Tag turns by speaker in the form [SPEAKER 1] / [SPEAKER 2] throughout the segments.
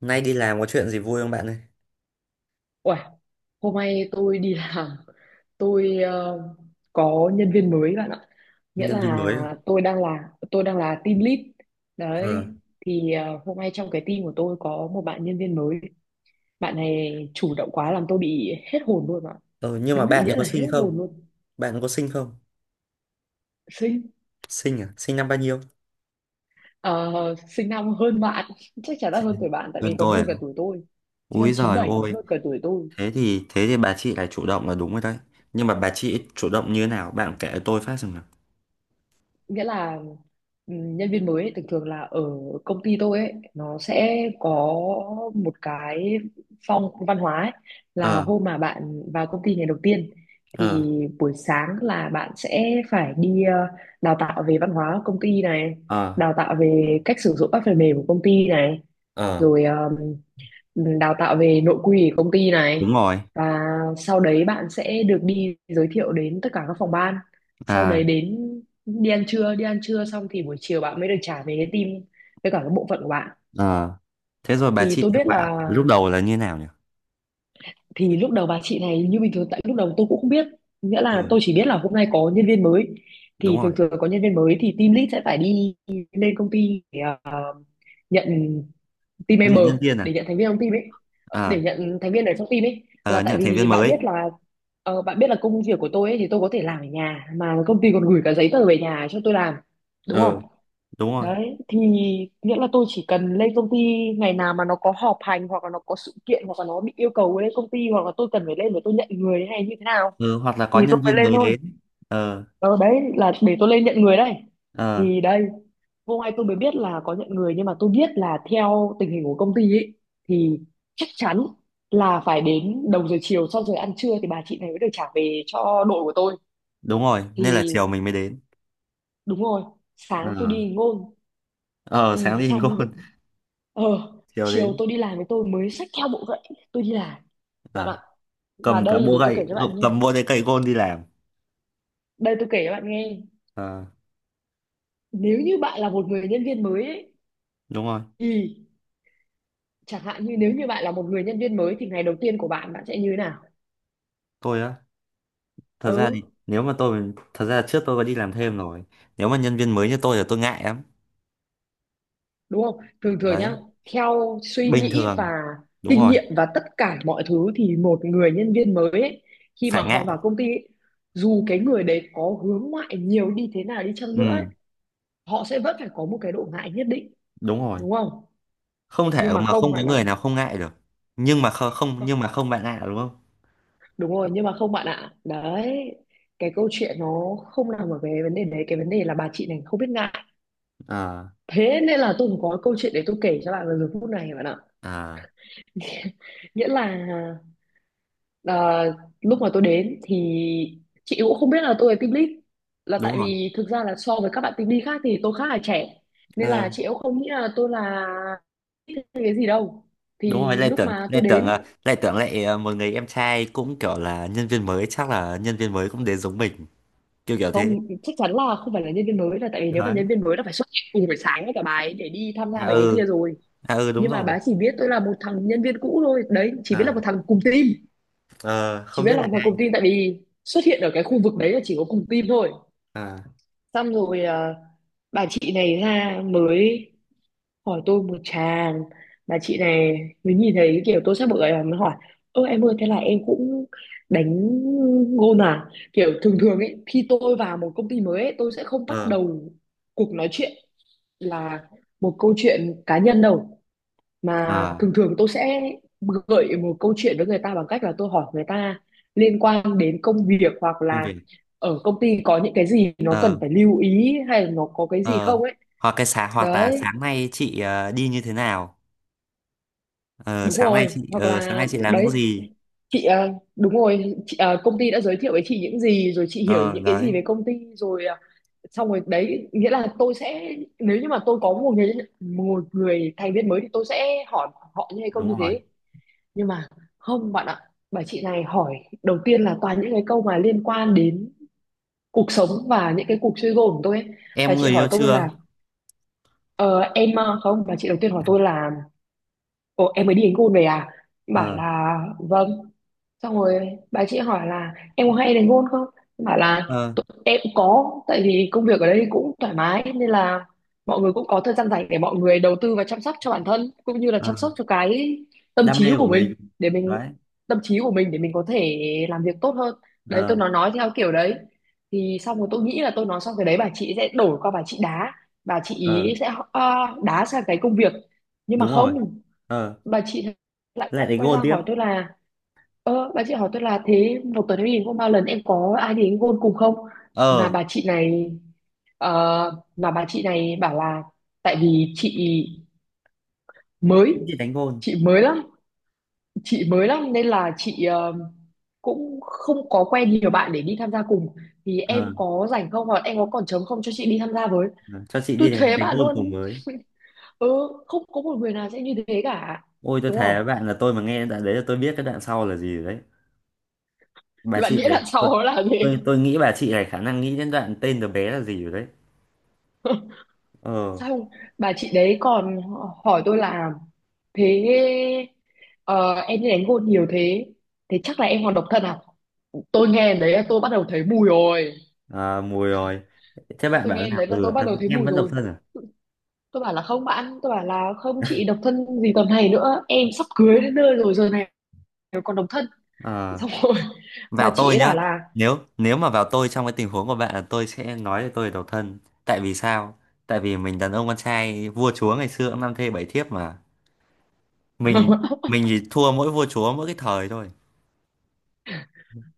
[SPEAKER 1] Nay đi làm có chuyện gì vui không bạn ơi?
[SPEAKER 2] Uầy, hôm nay tôi đi làm tôi ờ, có nhân viên mới bạn ạ. Nghĩa
[SPEAKER 1] Nhân viên
[SPEAKER 2] là
[SPEAKER 1] mới à?
[SPEAKER 2] tôi đang là team lead
[SPEAKER 1] Ờ.
[SPEAKER 2] đấy. Thì hôm nay trong cái team của tôi có một bạn nhân viên mới, bạn này chủ động quá làm tôi bị hết hồn luôn ạ.
[SPEAKER 1] Ờ, nhưng mà
[SPEAKER 2] Đúng định
[SPEAKER 1] bạn
[SPEAKER 2] nghĩa
[SPEAKER 1] ấy có
[SPEAKER 2] là hết
[SPEAKER 1] sinh
[SPEAKER 2] hồn
[SPEAKER 1] không?
[SPEAKER 2] luôn.
[SPEAKER 1] Bạn có sinh không?
[SPEAKER 2] Sinh.
[SPEAKER 1] Sinh à? Sinh năm bao nhiêu?
[SPEAKER 2] ờ, Sinh năm hơn bạn chắc chắn là hơn tuổi bạn, tại
[SPEAKER 1] Gần
[SPEAKER 2] vì còn
[SPEAKER 1] tôi
[SPEAKER 2] hơn
[SPEAKER 1] à?
[SPEAKER 2] cả tuổi tôi. Sinh
[SPEAKER 1] Úi
[SPEAKER 2] năm
[SPEAKER 1] giời
[SPEAKER 2] 97, còn
[SPEAKER 1] ôi,
[SPEAKER 2] hơn cả tuổi tôi.
[SPEAKER 1] thế thì bà chị lại chủ động là đúng rồi đấy. Nhưng mà bà chị chủ động như thế nào? Bạn kể cho tôi phát xem nào.
[SPEAKER 2] Nghĩa là ừ, nhân viên mới ấy, thường thường là ở công ty tôi ấy, nó sẽ có một cái phong văn hóa ấy, là
[SPEAKER 1] Ờ,
[SPEAKER 2] hôm mà bạn vào công ty ngày đầu tiên
[SPEAKER 1] ờ,
[SPEAKER 2] thì buổi sáng là bạn sẽ phải đi đào tạo về văn hóa công ty này,
[SPEAKER 1] ờ,
[SPEAKER 2] đào tạo về cách sử dụng các phần mềm của công ty này,
[SPEAKER 1] ờ.
[SPEAKER 2] rồi đào tạo về nội quy của công ty này.
[SPEAKER 1] Đúng rồi.
[SPEAKER 2] Và sau đấy bạn sẽ được đi giới thiệu đến tất cả các phòng ban, sau
[SPEAKER 1] À,
[SPEAKER 2] đấy đến đi ăn trưa. Đi ăn trưa xong thì buổi chiều bạn mới được trả về cái team với cả cái bộ phận của bạn.
[SPEAKER 1] ờ. Thế rồi bà
[SPEAKER 2] Thì
[SPEAKER 1] chị
[SPEAKER 2] tôi
[SPEAKER 1] kết
[SPEAKER 2] biết
[SPEAKER 1] bạn
[SPEAKER 2] là,
[SPEAKER 1] lúc đầu là như thế nào nhỉ?
[SPEAKER 2] thì lúc đầu bà chị này như bình thường, tại lúc đầu tôi cũng không biết. Nghĩa là tôi
[SPEAKER 1] Ừ,
[SPEAKER 2] chỉ biết là hôm nay có nhân viên mới,
[SPEAKER 1] đúng
[SPEAKER 2] thì
[SPEAKER 1] rồi.
[SPEAKER 2] thường thường có nhân viên mới thì team lead sẽ phải đi lên công ty để nhận team
[SPEAKER 1] Nhận
[SPEAKER 2] member,
[SPEAKER 1] nhân viên
[SPEAKER 2] để
[SPEAKER 1] à?
[SPEAKER 2] nhận thành viên trong team ấy, để
[SPEAKER 1] À,
[SPEAKER 2] nhận thành viên ở trong team ấy.
[SPEAKER 1] ờ,
[SPEAKER 2] Là tại
[SPEAKER 1] nhận thành
[SPEAKER 2] vì
[SPEAKER 1] viên
[SPEAKER 2] bạn
[SPEAKER 1] mới.
[SPEAKER 2] biết là bạn biết là công việc của tôi ấy thì tôi có thể làm ở nhà, mà công ty còn gửi cả giấy tờ về nhà cho tôi làm, đúng không.
[SPEAKER 1] Ờ, đúng rồi.
[SPEAKER 2] Đấy thì nghĩa là tôi chỉ cần lên công ty ngày nào mà nó có họp hành, hoặc là nó có sự kiện, hoặc là nó bị yêu cầu lên công ty, hoặc là tôi cần phải lên để tôi nhận người thế này như thế nào
[SPEAKER 1] Ừ, hoặc là
[SPEAKER 2] thì
[SPEAKER 1] có
[SPEAKER 2] tôi
[SPEAKER 1] nhân
[SPEAKER 2] mới
[SPEAKER 1] viên
[SPEAKER 2] lên
[SPEAKER 1] mới
[SPEAKER 2] thôi.
[SPEAKER 1] đến. Ờ,
[SPEAKER 2] Ờ đấy, là để tôi lên nhận người đây.
[SPEAKER 1] ờ,
[SPEAKER 2] Thì đây, hôm nay tôi mới biết là có nhận người, nhưng mà tôi biết là theo tình hình của công ty ấy thì chắc chắn là phải đến đầu giờ chiều sau giờ ăn trưa thì bà chị này mới được trả về cho đội của tôi.
[SPEAKER 1] đúng rồi, nên là
[SPEAKER 2] Thì
[SPEAKER 1] chiều mình mới đến.
[SPEAKER 2] đúng rồi,
[SPEAKER 1] Ờ,
[SPEAKER 2] sáng tôi đi ngôn.
[SPEAKER 1] ờ, sáng
[SPEAKER 2] Thì
[SPEAKER 1] đi hình
[SPEAKER 2] xong đ-
[SPEAKER 1] gôn.
[SPEAKER 2] ờ
[SPEAKER 1] Chiều
[SPEAKER 2] Chiều
[SPEAKER 1] đến.
[SPEAKER 2] tôi đi làm với tôi mới xách theo bộ vậy, tôi đi làm, bạn
[SPEAKER 1] Ờ,
[SPEAKER 2] ạ. Và
[SPEAKER 1] cầm cả
[SPEAKER 2] đây,
[SPEAKER 1] búa
[SPEAKER 2] để tôi kể
[SPEAKER 1] gậy,
[SPEAKER 2] cho bạn nghe,
[SPEAKER 1] cầm búa đấy, cây gôn đi làm.
[SPEAKER 2] đây tôi kể cho bạn nghe.
[SPEAKER 1] Ờ,
[SPEAKER 2] Nếu như bạn là một người nhân viên mới ấy,
[SPEAKER 1] đúng rồi.
[SPEAKER 2] thì chẳng hạn như nếu như bạn là một người nhân viên mới thì ngày đầu tiên của bạn, bạn sẽ như thế nào.
[SPEAKER 1] Tôi á, thật
[SPEAKER 2] Ừ,
[SPEAKER 1] ra thì nếu mà tôi, thật ra trước tôi có đi làm thêm rồi. Nếu mà nhân viên mới như tôi là tôi ngại lắm.
[SPEAKER 2] đúng không, thường thường nhá,
[SPEAKER 1] Đấy,
[SPEAKER 2] theo suy
[SPEAKER 1] bình
[SPEAKER 2] nghĩ và
[SPEAKER 1] thường, đúng
[SPEAKER 2] kinh
[SPEAKER 1] rồi,
[SPEAKER 2] nghiệm và tất cả mọi thứ thì một người nhân viên mới ấy, khi mà
[SPEAKER 1] phải
[SPEAKER 2] họ
[SPEAKER 1] ngại.
[SPEAKER 2] vào công ty ấy, dù cái người đấy có hướng ngoại nhiều đi thế nào đi chăng
[SPEAKER 1] Ừ,
[SPEAKER 2] nữa ấy, họ sẽ vẫn phải có một cái độ ngại nhất định,
[SPEAKER 1] đúng rồi,
[SPEAKER 2] đúng không.
[SPEAKER 1] không thể
[SPEAKER 2] Nhưng mà
[SPEAKER 1] mà
[SPEAKER 2] không
[SPEAKER 1] không có
[SPEAKER 2] bạn ạ.
[SPEAKER 1] người nào không ngại được. Nhưng mà không, nhưng mà không bạn ạ, đúng không?
[SPEAKER 2] Đúng rồi, nhưng mà không bạn ạ, đấy. Cái câu chuyện nó không nằm ở cái vấn đề đấy, cái vấn đề là bà chị này không biết ngại.
[SPEAKER 1] À,
[SPEAKER 2] Thế nên là tôi cũng có câu chuyện để tôi kể cho bạn vào giờ phút này, bạn ạ.
[SPEAKER 1] à,
[SPEAKER 2] Nghĩa là à, lúc mà tôi đến thì chị cũng không biết là tôi là team lead, là
[SPEAKER 1] đúng
[SPEAKER 2] tại
[SPEAKER 1] rồi.
[SPEAKER 2] vì thực ra là so với các bạn team lead khác thì tôi khá là trẻ, nên là
[SPEAKER 1] Ờ,
[SPEAKER 2] chị cũng không nghĩ là tôi là lead hay cái gì đâu.
[SPEAKER 1] đúng rồi.
[SPEAKER 2] Thì lúc mà tôi đến,
[SPEAKER 1] Lê Tưởng lại, một người em trai cũng kiểu là nhân viên mới, chắc là nhân viên mới cũng đến giống mình. Kiểu kiểu thế.
[SPEAKER 2] không, chắc chắn là không phải là nhân viên mới, là tại vì nếu mà
[SPEAKER 1] Đấy.
[SPEAKER 2] nhân viên mới là phải xuất hiện cùng buổi sáng với cả bà ấy để đi tham gia
[SPEAKER 1] À,
[SPEAKER 2] mấy cái kia
[SPEAKER 1] ừ.
[SPEAKER 2] rồi.
[SPEAKER 1] À, ừ, đúng
[SPEAKER 2] Nhưng mà bà
[SPEAKER 1] rồi.
[SPEAKER 2] ấy chỉ biết tôi là một thằng nhân viên cũ thôi, đấy, chỉ biết là một
[SPEAKER 1] À.
[SPEAKER 2] thằng cùng team,
[SPEAKER 1] ờ,
[SPEAKER 2] chỉ
[SPEAKER 1] Không
[SPEAKER 2] biết
[SPEAKER 1] biết
[SPEAKER 2] là
[SPEAKER 1] là.
[SPEAKER 2] thằng cùng team, tại vì xuất hiện ở cái khu vực đấy là chỉ có cùng team thôi.
[SPEAKER 1] À.
[SPEAKER 2] Xong rồi à, bà chị này ra mới hỏi tôi một tràng. Bà chị này mới nhìn thấy kiểu tôi sắp bực rồi mới hỏi: ơ em ơi, thế là em cũng đánh gôn à. Kiểu thường thường ấy, khi tôi vào một công ty mới ấy, tôi sẽ không bắt
[SPEAKER 1] Ờ,
[SPEAKER 2] đầu cuộc nói chuyện là một câu chuyện cá nhân đâu, mà
[SPEAKER 1] ờ,
[SPEAKER 2] thường thường tôi sẽ gợi một câu chuyện với người ta bằng cách là tôi hỏi người ta liên quan đến công việc, hoặc
[SPEAKER 1] công
[SPEAKER 2] là
[SPEAKER 1] việc.
[SPEAKER 2] ở công ty có những cái gì nó cần
[SPEAKER 1] Ờ,
[SPEAKER 2] phải lưu ý, hay là nó có cái gì
[SPEAKER 1] ờ,
[SPEAKER 2] không ấy.
[SPEAKER 1] hoặc cái sáng, hoặc là
[SPEAKER 2] Đấy,
[SPEAKER 1] sáng nay chị đi như thế nào? Ờ,
[SPEAKER 2] đúng rồi, hoặc
[SPEAKER 1] sáng
[SPEAKER 2] là
[SPEAKER 1] nay chị làm những
[SPEAKER 2] đấy,
[SPEAKER 1] gì?
[SPEAKER 2] chị à, đúng rồi chị, à, công ty đã giới thiệu với chị những gì rồi, chị hiểu
[SPEAKER 1] Ờ,
[SPEAKER 2] những cái
[SPEAKER 1] đấy.
[SPEAKER 2] gì về công ty rồi, à, xong rồi đấy. Nghĩa là tôi sẽ, nếu như mà tôi có một người, một người thành viên mới thì tôi sẽ hỏi họ như hay không như
[SPEAKER 1] Đúng rồi.
[SPEAKER 2] thế. Nhưng mà không bạn ạ, bà chị này hỏi đầu tiên là toàn những cái câu mà liên quan đến cuộc sống và những cái cuộc chơi gôn của tôi ấy. Bà
[SPEAKER 1] Em
[SPEAKER 2] chị
[SPEAKER 1] người
[SPEAKER 2] hỏi
[SPEAKER 1] yêu
[SPEAKER 2] tôi
[SPEAKER 1] chưa?
[SPEAKER 2] là không, bà chị đầu tiên hỏi tôi là: Ồ, em mới đi đánh gôn về à? Bảo
[SPEAKER 1] Ờ,
[SPEAKER 2] là vâng. Xong rồi bà chị hỏi là em có hay đánh gôn không? Em bảo là:
[SPEAKER 1] ờ,
[SPEAKER 2] "Tụi em cũng có, tại vì công việc ở đây cũng thoải mái nên là mọi người cũng có thời gian rảnh để mọi người đầu tư và chăm sóc cho bản thân, cũng như là
[SPEAKER 1] ờ.
[SPEAKER 2] chăm sóc cho cái tâm
[SPEAKER 1] Đam
[SPEAKER 2] trí
[SPEAKER 1] mê của
[SPEAKER 2] của mình,
[SPEAKER 1] mình.
[SPEAKER 2] để mình
[SPEAKER 1] Đấy.
[SPEAKER 2] tâm trí của mình để mình có thể làm việc tốt hơn." Đấy,
[SPEAKER 1] Ờ,
[SPEAKER 2] tôi nói theo kiểu đấy. Thì xong rồi tôi nghĩ là tôi nói xong cái đấy bà chị sẽ đổi qua, bà chị đá, bà chị
[SPEAKER 1] ờ,
[SPEAKER 2] ý sẽ đá sang cái công việc, nhưng mà
[SPEAKER 1] đúng rồi.
[SPEAKER 2] không,
[SPEAKER 1] Ờ,
[SPEAKER 2] bà chị lại
[SPEAKER 1] lại đánh
[SPEAKER 2] quay
[SPEAKER 1] gôn
[SPEAKER 2] ra
[SPEAKER 1] tiếp.
[SPEAKER 2] hỏi tôi là: ơ, bà chị hỏi tôi là thế một tuần em đi có bao lần, em có ai đến gôn cùng không. Mà
[SPEAKER 1] Ờ,
[SPEAKER 2] bà chị này ờ, mà bà chị này bảo là, tại vì chị mới,
[SPEAKER 1] đi đánh gôn.
[SPEAKER 2] chị mới lắm, chị mới lắm nên là chị cũng không có quen nhiều bạn để đi tham gia cùng, thì
[SPEAKER 1] Ờ,
[SPEAKER 2] em có rảnh không, hoặc em có còn trống không cho chị đi tham gia với.
[SPEAKER 1] ờ, cho chị
[SPEAKER 2] Tôi
[SPEAKER 1] đi đánh,
[SPEAKER 2] thế
[SPEAKER 1] đánh
[SPEAKER 2] bạn
[SPEAKER 1] gôn cùng
[SPEAKER 2] luôn.
[SPEAKER 1] với.
[SPEAKER 2] Ừ, không có một người nào sẽ như thế cả,
[SPEAKER 1] Ôi, tôi
[SPEAKER 2] đúng
[SPEAKER 1] thề
[SPEAKER 2] không.
[SPEAKER 1] với bạn là tôi mà nghe đoạn đấy là tôi biết cái đoạn sau là gì rồi đấy. Bà
[SPEAKER 2] Bạn
[SPEAKER 1] chị
[SPEAKER 2] nghĩ
[SPEAKER 1] này,
[SPEAKER 2] đằng
[SPEAKER 1] tôi.
[SPEAKER 2] sau nó là
[SPEAKER 1] tôi
[SPEAKER 2] gì.
[SPEAKER 1] tôi nghĩ bà chị này khả năng nghĩ đến đoạn tên đứa bé là gì rồi đấy. Ờ.
[SPEAKER 2] Xong bà chị đấy còn hỏi tôi là: thế ờ, em đi đánh gôn nhiều thế, thế chắc là em còn độc thân à. Tôi nghe đấy là tôi bắt đầu thấy mùi rồi.
[SPEAKER 1] À, mùi rồi. Thế bạn
[SPEAKER 2] Tôi
[SPEAKER 1] bảo là
[SPEAKER 2] nghe đấy là
[SPEAKER 1] ừ,
[SPEAKER 2] tôi bắt đầu thấy
[SPEAKER 1] em
[SPEAKER 2] mùi
[SPEAKER 1] vẫn độc
[SPEAKER 2] rồi.
[SPEAKER 1] thân à?
[SPEAKER 2] Tôi bảo là không bạn, tôi bảo là: không chị, độc thân gì tầm này nữa, em sắp cưới đến nơi rồi, giờ này còn độc thân.
[SPEAKER 1] Ờ,
[SPEAKER 2] Xong rồi bà
[SPEAKER 1] vào
[SPEAKER 2] chị
[SPEAKER 1] tôi
[SPEAKER 2] ấy bảo
[SPEAKER 1] nhá.
[SPEAKER 2] là
[SPEAKER 1] Nếu nếu mà vào tôi trong cái tình huống của bạn là tôi sẽ nói là tôi là độc thân. Tại vì sao? Tại vì mình đàn ông con trai, vua chúa ngày xưa cũng năm thê bảy thiếp mà. mình mình thì thua mỗi vua chúa mỗi cái thời thôi.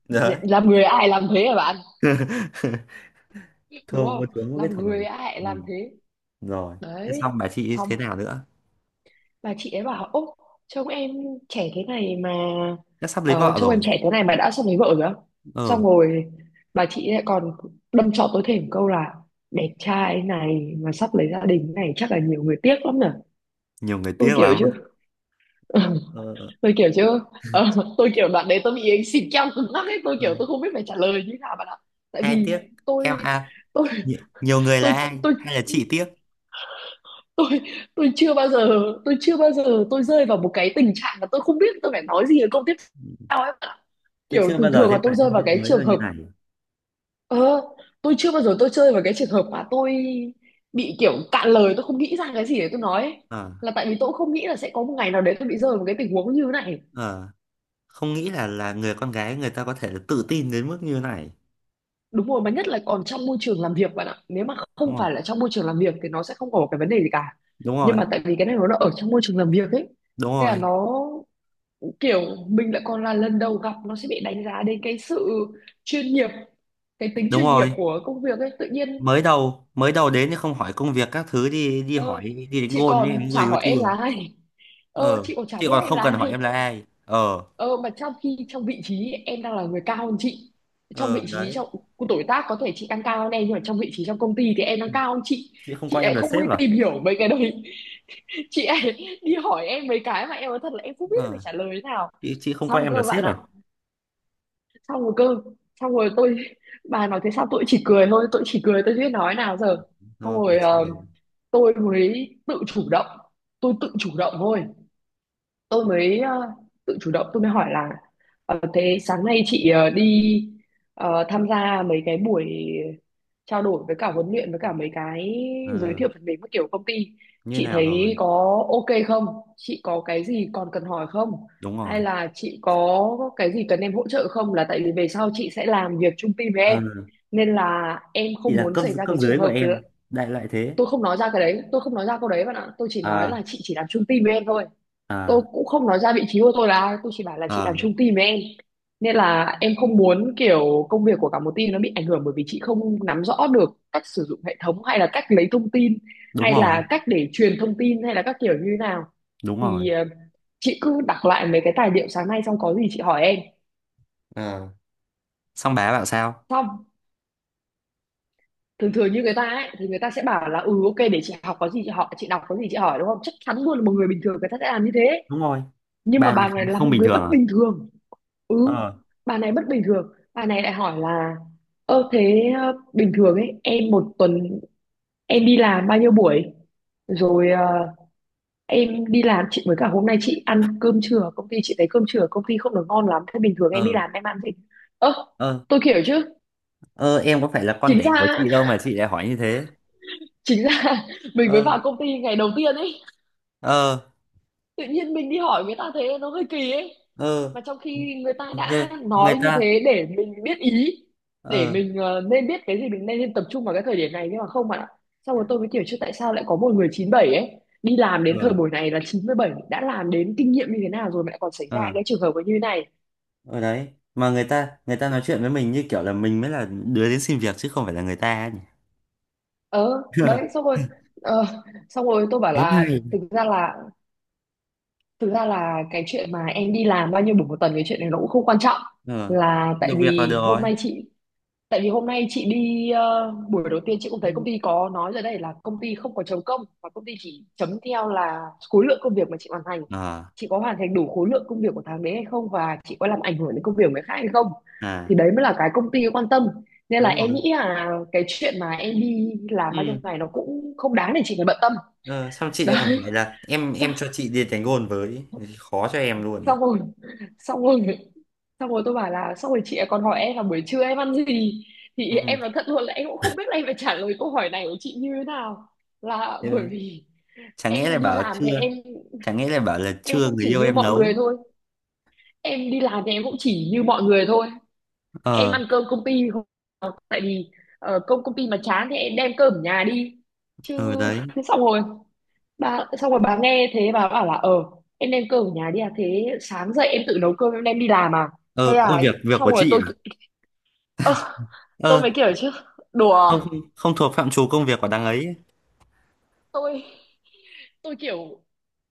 [SPEAKER 1] Đấy.
[SPEAKER 2] làm người ai làm thế hả bạn, đúng
[SPEAKER 1] Thua vua
[SPEAKER 2] không,
[SPEAKER 1] chúa mỗi
[SPEAKER 2] làm
[SPEAKER 1] cái
[SPEAKER 2] người
[SPEAKER 1] thời.
[SPEAKER 2] ai
[SPEAKER 1] Ừ.
[SPEAKER 2] làm thế.
[SPEAKER 1] Rồi. Thế
[SPEAKER 2] Đấy,
[SPEAKER 1] xong bà chị
[SPEAKER 2] xong,
[SPEAKER 1] thế nào nữa?
[SPEAKER 2] và chị ấy bảo: ô, trông em trẻ thế này mà,
[SPEAKER 1] Chắc sắp lấy vợ
[SPEAKER 2] trông
[SPEAKER 1] rồi.
[SPEAKER 2] em trẻ thế này mà đã xong lấy vợ rồi á?
[SPEAKER 1] Ờ,
[SPEAKER 2] Xong rồi bà chị lại còn đâm chọc tôi thêm một câu là: đẹp trai này mà sắp lấy gia đình này chắc là nhiều người tiếc lắm nhỉ.
[SPEAKER 1] nhiều người
[SPEAKER 2] Tôi
[SPEAKER 1] tiếc
[SPEAKER 2] kiểu
[SPEAKER 1] lắm.
[SPEAKER 2] chứ
[SPEAKER 1] Ờ,
[SPEAKER 2] tôi kiểu chứ ờ, tôi kiểu đoạn đấy tôi bị anh xịt keo cứng ngắc ấy, tôi
[SPEAKER 1] ờ.
[SPEAKER 2] kiểu tôi không biết phải trả lời như thế nào bạn ạ. Tại
[SPEAKER 1] Ai
[SPEAKER 2] vì
[SPEAKER 1] tiếc?
[SPEAKER 2] tôi
[SPEAKER 1] Em à?
[SPEAKER 2] tôi
[SPEAKER 1] Nhiều người là
[SPEAKER 2] tôi
[SPEAKER 1] ai
[SPEAKER 2] tôi
[SPEAKER 1] hay là chị tiếc?
[SPEAKER 2] tôi tôi chưa bao giờ, tôi chưa bao giờ tôi rơi vào một cái tình trạng mà tôi không biết tôi phải nói gì ở câu tiếp theo ấy, bạn ạ.
[SPEAKER 1] Tôi
[SPEAKER 2] Kiểu
[SPEAKER 1] chưa bao
[SPEAKER 2] thường
[SPEAKER 1] giờ
[SPEAKER 2] thường là
[SPEAKER 1] thấy phải
[SPEAKER 2] tôi rơi
[SPEAKER 1] nhân
[SPEAKER 2] vào
[SPEAKER 1] viên
[SPEAKER 2] cái
[SPEAKER 1] mới là
[SPEAKER 2] trường
[SPEAKER 1] như
[SPEAKER 2] hợp
[SPEAKER 1] này.
[SPEAKER 2] ờ, tôi chưa bao giờ tôi rơi vào cái trường hợp mà tôi bị kiểu cạn lời, tôi không nghĩ ra cái gì để tôi nói ấy.
[SPEAKER 1] Ờ,
[SPEAKER 2] Là tại vì tôi cũng không nghĩ là sẽ có một ngày nào đấy tôi bị rơi vào một cái tình huống như thế này.
[SPEAKER 1] ờ, không nghĩ là người con gái người ta có thể tự tin đến mức như này.
[SPEAKER 2] Đúng rồi, mà nhất là còn trong môi trường làm việc, bạn ạ. Nếu mà
[SPEAKER 1] Đúng
[SPEAKER 2] không
[SPEAKER 1] không?
[SPEAKER 2] phải là trong môi trường làm việc thì nó sẽ không có một cái vấn đề gì cả,
[SPEAKER 1] Đúng
[SPEAKER 2] nhưng
[SPEAKER 1] rồi.
[SPEAKER 2] mà tại vì cái này nó là ở trong môi trường làm việc ấy,
[SPEAKER 1] Đúng
[SPEAKER 2] thế là
[SPEAKER 1] rồi.
[SPEAKER 2] nó kiểu mình lại còn là lần đầu gặp, nó sẽ bị đánh giá đến cái sự chuyên nghiệp, cái tính
[SPEAKER 1] Đúng
[SPEAKER 2] chuyên nghiệp
[SPEAKER 1] rồi.
[SPEAKER 2] của công việc ấy tự nhiên.
[SPEAKER 1] Mới đầu mới đầu đến thì không hỏi công việc các thứ, đi đi hỏi
[SPEAKER 2] ờ,
[SPEAKER 1] đi đánh
[SPEAKER 2] chị
[SPEAKER 1] gôn với em
[SPEAKER 2] còn
[SPEAKER 1] người
[SPEAKER 2] chả
[SPEAKER 1] yêu
[SPEAKER 2] hỏi em
[SPEAKER 1] chưa.
[SPEAKER 2] là ai.
[SPEAKER 1] Ờ,
[SPEAKER 2] Chị còn chả
[SPEAKER 1] chị
[SPEAKER 2] biết
[SPEAKER 1] còn
[SPEAKER 2] em
[SPEAKER 1] không
[SPEAKER 2] là
[SPEAKER 1] cần
[SPEAKER 2] ai.
[SPEAKER 1] hỏi em là ai. Ờ,
[SPEAKER 2] Ờ, mà trong khi trong vị trí em đang là người cao hơn chị, trong
[SPEAKER 1] ờ,
[SPEAKER 2] vị trí,
[SPEAKER 1] đấy.
[SPEAKER 2] trong tuổi tác có thể chị đang cao hơn em, nhưng mà trong vị trí trong công ty thì em
[SPEAKER 1] Ừ.
[SPEAKER 2] đang cao hơn chị.
[SPEAKER 1] Chị không
[SPEAKER 2] Chị
[SPEAKER 1] coi em
[SPEAKER 2] lại
[SPEAKER 1] là
[SPEAKER 2] không đi
[SPEAKER 1] sếp à?
[SPEAKER 2] tìm hiểu mấy cái đấy. Chị lại đi hỏi em mấy cái mà em nói thật là em không biết phải
[SPEAKER 1] Ờ,
[SPEAKER 2] trả lời thế nào.
[SPEAKER 1] chị không
[SPEAKER 2] Xong
[SPEAKER 1] coi em
[SPEAKER 2] cơ,
[SPEAKER 1] là
[SPEAKER 2] bạn
[SPEAKER 1] sếp à?
[SPEAKER 2] ạ. Xong rồi cơ. Xong rồi bà nói thế, sao tôi chỉ cười thôi, tôi chỉ cười, tôi chưa biết nói nào giờ. Xong
[SPEAKER 1] Rồi bảo
[SPEAKER 2] rồi
[SPEAKER 1] chị ờ
[SPEAKER 2] tôi mới tự chủ động, tôi tự chủ động thôi, tôi mới tự chủ động, tôi mới hỏi là thế sáng nay chị đi tham gia mấy cái buổi trao đổi với cả huấn luyện, với cả mấy cái
[SPEAKER 1] ờ,
[SPEAKER 2] giới thiệu phần mềm các kiểu công ty,
[SPEAKER 1] Như
[SPEAKER 2] chị
[SPEAKER 1] nào rồi?
[SPEAKER 2] thấy có ok không, chị có cái gì còn cần hỏi không,
[SPEAKER 1] Đúng rồi.
[SPEAKER 2] hay là chị có cái gì cần em hỗ trợ không, là tại vì về sau chị sẽ làm việc chung team với
[SPEAKER 1] Ờ,
[SPEAKER 2] em, nên là em
[SPEAKER 1] chị
[SPEAKER 2] không
[SPEAKER 1] là
[SPEAKER 2] muốn
[SPEAKER 1] cấp
[SPEAKER 2] xảy ra
[SPEAKER 1] cấp
[SPEAKER 2] cái trường
[SPEAKER 1] dưới của
[SPEAKER 2] hợp là-
[SPEAKER 1] em, đại loại thế.
[SPEAKER 2] Tôi không nói ra cái đấy, tôi không nói ra câu đấy, bạn ạ. Tôi chỉ nói
[SPEAKER 1] À,
[SPEAKER 2] là chị chỉ làm chung team với em thôi. Tôi
[SPEAKER 1] à,
[SPEAKER 2] cũng không nói ra vị trí của tôi là ai, tôi chỉ bảo là chị làm
[SPEAKER 1] à,
[SPEAKER 2] chung team với em, nên là em không muốn kiểu công việc của cả một team nó bị ảnh hưởng bởi vì chị không nắm rõ được cách sử dụng hệ thống, hay là cách lấy thông tin,
[SPEAKER 1] đúng
[SPEAKER 2] hay
[SPEAKER 1] rồi.
[SPEAKER 2] là cách để truyền thông tin, hay là các kiểu như thế nào.
[SPEAKER 1] Đúng rồi.
[SPEAKER 2] Thì chị cứ đọc lại mấy cái tài liệu sáng nay, xong có gì chị hỏi em.
[SPEAKER 1] Ờ, xong bà bảo sao?
[SPEAKER 2] Xong, thường thường như người ta ấy thì người ta sẽ bảo là ừ ok để chị học, có gì chị hỏi, chị đọc có gì chị hỏi, đúng không, chắc chắn luôn là một người bình thường, người ta sẽ làm như thế.
[SPEAKER 1] Đúng rồi.
[SPEAKER 2] Nhưng mà
[SPEAKER 1] Ba ngày
[SPEAKER 2] bà
[SPEAKER 1] khá
[SPEAKER 2] này là
[SPEAKER 1] không
[SPEAKER 2] một
[SPEAKER 1] bình
[SPEAKER 2] người
[SPEAKER 1] thường
[SPEAKER 2] bất
[SPEAKER 1] à?
[SPEAKER 2] bình thường. Ừ,
[SPEAKER 1] Ờ,
[SPEAKER 2] bà này bất bình thường. Bà này lại hỏi là ơ thế bình thường ấy, em một tuần em đi làm bao nhiêu buổi? Rồi em đi làm, chị với cả hôm nay chị ăn cơm trưa ở công ty, chị thấy cơm trưa ở công ty không được ngon lắm, thế bình thường em đi
[SPEAKER 1] ờ,
[SPEAKER 2] làm em ăn gì. Ơ.
[SPEAKER 1] ờ.
[SPEAKER 2] Tôi kiểu chứ,
[SPEAKER 1] Ờ, em có phải là con
[SPEAKER 2] chính
[SPEAKER 1] đẻ của
[SPEAKER 2] ra,
[SPEAKER 1] chị đâu mà chị lại hỏi như thế.
[SPEAKER 2] chính ra mình mới
[SPEAKER 1] Ờ,
[SPEAKER 2] vào công ty ngày đầu tiên ấy,
[SPEAKER 1] ờ,
[SPEAKER 2] tự nhiên mình đi hỏi người ta thế nó hơi kỳ ấy,
[SPEAKER 1] ờ.
[SPEAKER 2] mà trong khi người ta
[SPEAKER 1] Ghê.
[SPEAKER 2] đã
[SPEAKER 1] Người
[SPEAKER 2] nói như
[SPEAKER 1] ta.
[SPEAKER 2] thế để mình biết ý, để
[SPEAKER 1] Ờ,
[SPEAKER 2] mình nên biết cái gì mình nên tập trung vào cái thời điểm này, nhưng mà không, bạn ạ. Xong rồi tôi mới kiểu chứ, tại sao lại có một người 97 ấy đi làm đến thời
[SPEAKER 1] ờ,
[SPEAKER 2] buổi này, là 97 đã làm đến kinh nghiệm như thế nào rồi mà lại còn xảy ra
[SPEAKER 1] ờ.
[SPEAKER 2] cái trường hợp như thế này.
[SPEAKER 1] Ở đấy, mà người ta nói chuyện với mình như kiểu là mình mới là đứa đến xin việc chứ không phải là người ta ấy nhỉ.
[SPEAKER 2] Ờ đấy, xong rồi, ờ, xong rồi tôi bảo
[SPEAKER 1] Thế mới
[SPEAKER 2] là,
[SPEAKER 1] hay.
[SPEAKER 2] thực ra là, cái chuyện mà em đi làm bao nhiêu buổi một tuần, cái chuyện này nó cũng không quan trọng,
[SPEAKER 1] Ờ,
[SPEAKER 2] là tại
[SPEAKER 1] được việc là được
[SPEAKER 2] vì hôm
[SPEAKER 1] rồi.
[SPEAKER 2] nay tại vì hôm nay chị đi buổi đầu tiên, chị cũng
[SPEAKER 1] Ừ.
[SPEAKER 2] thấy công ty có nói rồi, đây là công ty không có chấm công và công ty chỉ chấm theo là khối lượng công việc mà chị hoàn thành.
[SPEAKER 1] Ờ,
[SPEAKER 2] Chị có hoàn thành đủ khối lượng công việc của tháng đấy hay không, và chị có làm ảnh hưởng đến công việc của người khác hay không. Thì
[SPEAKER 1] à,
[SPEAKER 2] đấy mới là cái công ty quan tâm. Nên là
[SPEAKER 1] đúng
[SPEAKER 2] em nghĩ
[SPEAKER 1] rồi.
[SPEAKER 2] là cái chuyện mà em đi làm bao nhiêu
[SPEAKER 1] Ừ.
[SPEAKER 2] ngày nó cũng không đáng để chị phải bận tâm.
[SPEAKER 1] Ờ, xong chị lại còn
[SPEAKER 2] Đấy.
[SPEAKER 1] hỏi là em
[SPEAKER 2] Sao?
[SPEAKER 1] em cho chị đi đánh gôn với. Khó cho em luôn đấy.
[SPEAKER 2] Xong rồi. Xong rồi. Xong rồi tôi bảo là, xong rồi chị ấy còn hỏi em là buổi trưa em ăn gì, thì
[SPEAKER 1] Ừ.
[SPEAKER 2] em nói thật luôn là em cũng không biết là em phải trả lời câu hỏi này của chị như thế nào, là
[SPEAKER 1] thế
[SPEAKER 2] bởi
[SPEAKER 1] mà-
[SPEAKER 2] vì
[SPEAKER 1] Chẳng nghĩa lại
[SPEAKER 2] em đi
[SPEAKER 1] bảo
[SPEAKER 2] làm thì
[SPEAKER 1] chưa,
[SPEAKER 2] em
[SPEAKER 1] chẳng nghĩa lại bảo là
[SPEAKER 2] em
[SPEAKER 1] chưa,
[SPEAKER 2] cũng
[SPEAKER 1] người
[SPEAKER 2] chỉ
[SPEAKER 1] yêu
[SPEAKER 2] như
[SPEAKER 1] em
[SPEAKER 2] mọi người
[SPEAKER 1] nấu.
[SPEAKER 2] thôi. Em đi làm thì em cũng chỉ như mọi người thôi, em
[SPEAKER 1] Ờ,
[SPEAKER 2] ăn cơm công ty, không tại vì công công ty mà chán thì em đem cơm ở nhà đi chứ.
[SPEAKER 1] ờ, đấy.
[SPEAKER 2] xong rồi Xong rồi bà nghe thế, bà bảo là ờ em đem cơm ở nhà đi à, thế sáng dậy em tự nấu cơm em đem đi làm à,
[SPEAKER 1] Ờ,
[SPEAKER 2] hay là.
[SPEAKER 1] ờ, việc việc
[SPEAKER 2] Xong
[SPEAKER 1] của
[SPEAKER 2] rồi
[SPEAKER 1] chị à?
[SPEAKER 2] ơ, tôi
[SPEAKER 1] Ờ,
[SPEAKER 2] mới kiểu chứ, đùa,
[SPEAKER 1] không. Không thuộc phạm trù công việc của đằng ấy.
[SPEAKER 2] tôi tôi kiểu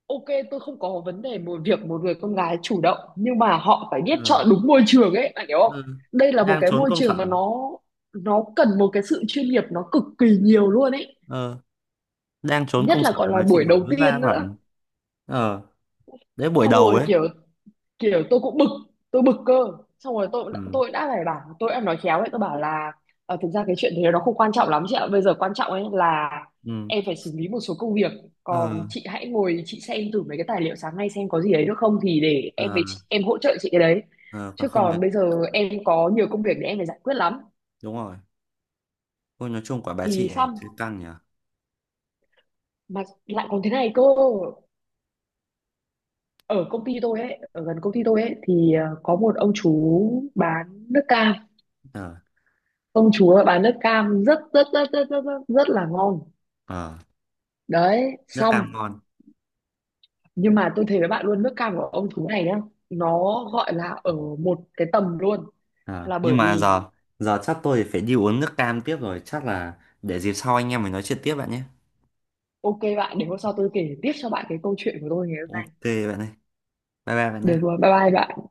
[SPEAKER 2] ok, tôi không có vấn đề một việc một người con gái chủ động, nhưng mà họ phải biết chọn
[SPEAKER 1] Ờ,
[SPEAKER 2] đúng môi trường ấy, bạn hiểu
[SPEAKER 1] ờ,
[SPEAKER 2] không. Đây là một
[SPEAKER 1] đang
[SPEAKER 2] cái
[SPEAKER 1] trốn
[SPEAKER 2] môi
[SPEAKER 1] công
[SPEAKER 2] trường mà
[SPEAKER 1] sở.
[SPEAKER 2] nó cần một cái sự chuyên nghiệp, nó cực kỳ nhiều luôn ấy,
[SPEAKER 1] Ờ, đang trốn
[SPEAKER 2] nhất
[SPEAKER 1] công sở
[SPEAKER 2] là còn là
[SPEAKER 1] mà chị
[SPEAKER 2] buổi
[SPEAKER 1] hỏi,
[SPEAKER 2] đầu
[SPEAKER 1] vất vả
[SPEAKER 2] tiên nữa.
[SPEAKER 1] bạn. Ờ, đấy, buổi
[SPEAKER 2] Xong
[SPEAKER 1] đầu
[SPEAKER 2] rồi
[SPEAKER 1] ấy.
[SPEAKER 2] kiểu, tôi cũng bực, tôi bực cơ. Xong rồi
[SPEAKER 1] Ừ.
[SPEAKER 2] tôi đã phải bảo, tôi đã nói khéo ấy, tôi bảo là thực ra cái chuyện thế nó không quan trọng lắm chị ạ, bây giờ quan trọng ấy là
[SPEAKER 1] Ừ.
[SPEAKER 2] em phải xử lý một số công việc,
[SPEAKER 1] Ờ,
[SPEAKER 2] còn chị hãy ngồi chị xem thử mấy cái tài liệu sáng nay xem có gì đấy được không, thì để em
[SPEAKER 1] ờ,
[SPEAKER 2] với chị, em hỗ trợ chị cái đấy,
[SPEAKER 1] ờ, còn
[SPEAKER 2] chứ
[SPEAKER 1] không
[SPEAKER 2] còn
[SPEAKER 1] được.
[SPEAKER 2] bây giờ em có nhiều công việc để em phải giải quyết lắm.
[SPEAKER 1] Đúng rồi. Ôi, nói chung quả bà
[SPEAKER 2] Thì
[SPEAKER 1] chị ấy
[SPEAKER 2] xong.
[SPEAKER 1] thấy căng nhỉ.
[SPEAKER 2] Mà lại còn thế này cơ, ở công ty tôi ấy, ở gần công ty tôi ấy thì có một ông chú bán nước cam,
[SPEAKER 1] Ờ.
[SPEAKER 2] công chúa bán nước cam rất rất rất rất rất rất, rất là ngon.
[SPEAKER 1] Ờ,
[SPEAKER 2] Đấy.
[SPEAKER 1] nước cam
[SPEAKER 2] Xong,
[SPEAKER 1] ngon.
[SPEAKER 2] nhưng mà tôi thấy với bạn luôn, nước cam của ông chú này nhá, nó gọi là ở một cái tầm luôn,
[SPEAKER 1] Ờ,
[SPEAKER 2] là bởi
[SPEAKER 1] nhưng mà
[SPEAKER 2] vì
[SPEAKER 1] giờ, giờ chắc tôi phải đi uống nước cam tiếp rồi, chắc là để dịp sau anh em mình nói chuyện tiếp bạn nhé.
[SPEAKER 2] ok bạn, để hôm sau tôi kể tiếp cho bạn cái câu chuyện của tôi ngày hôm nay.
[SPEAKER 1] OK. Bạn ơi, bye bye bạn
[SPEAKER 2] Được
[SPEAKER 1] nhé.
[SPEAKER 2] rồi, bye bye bạn.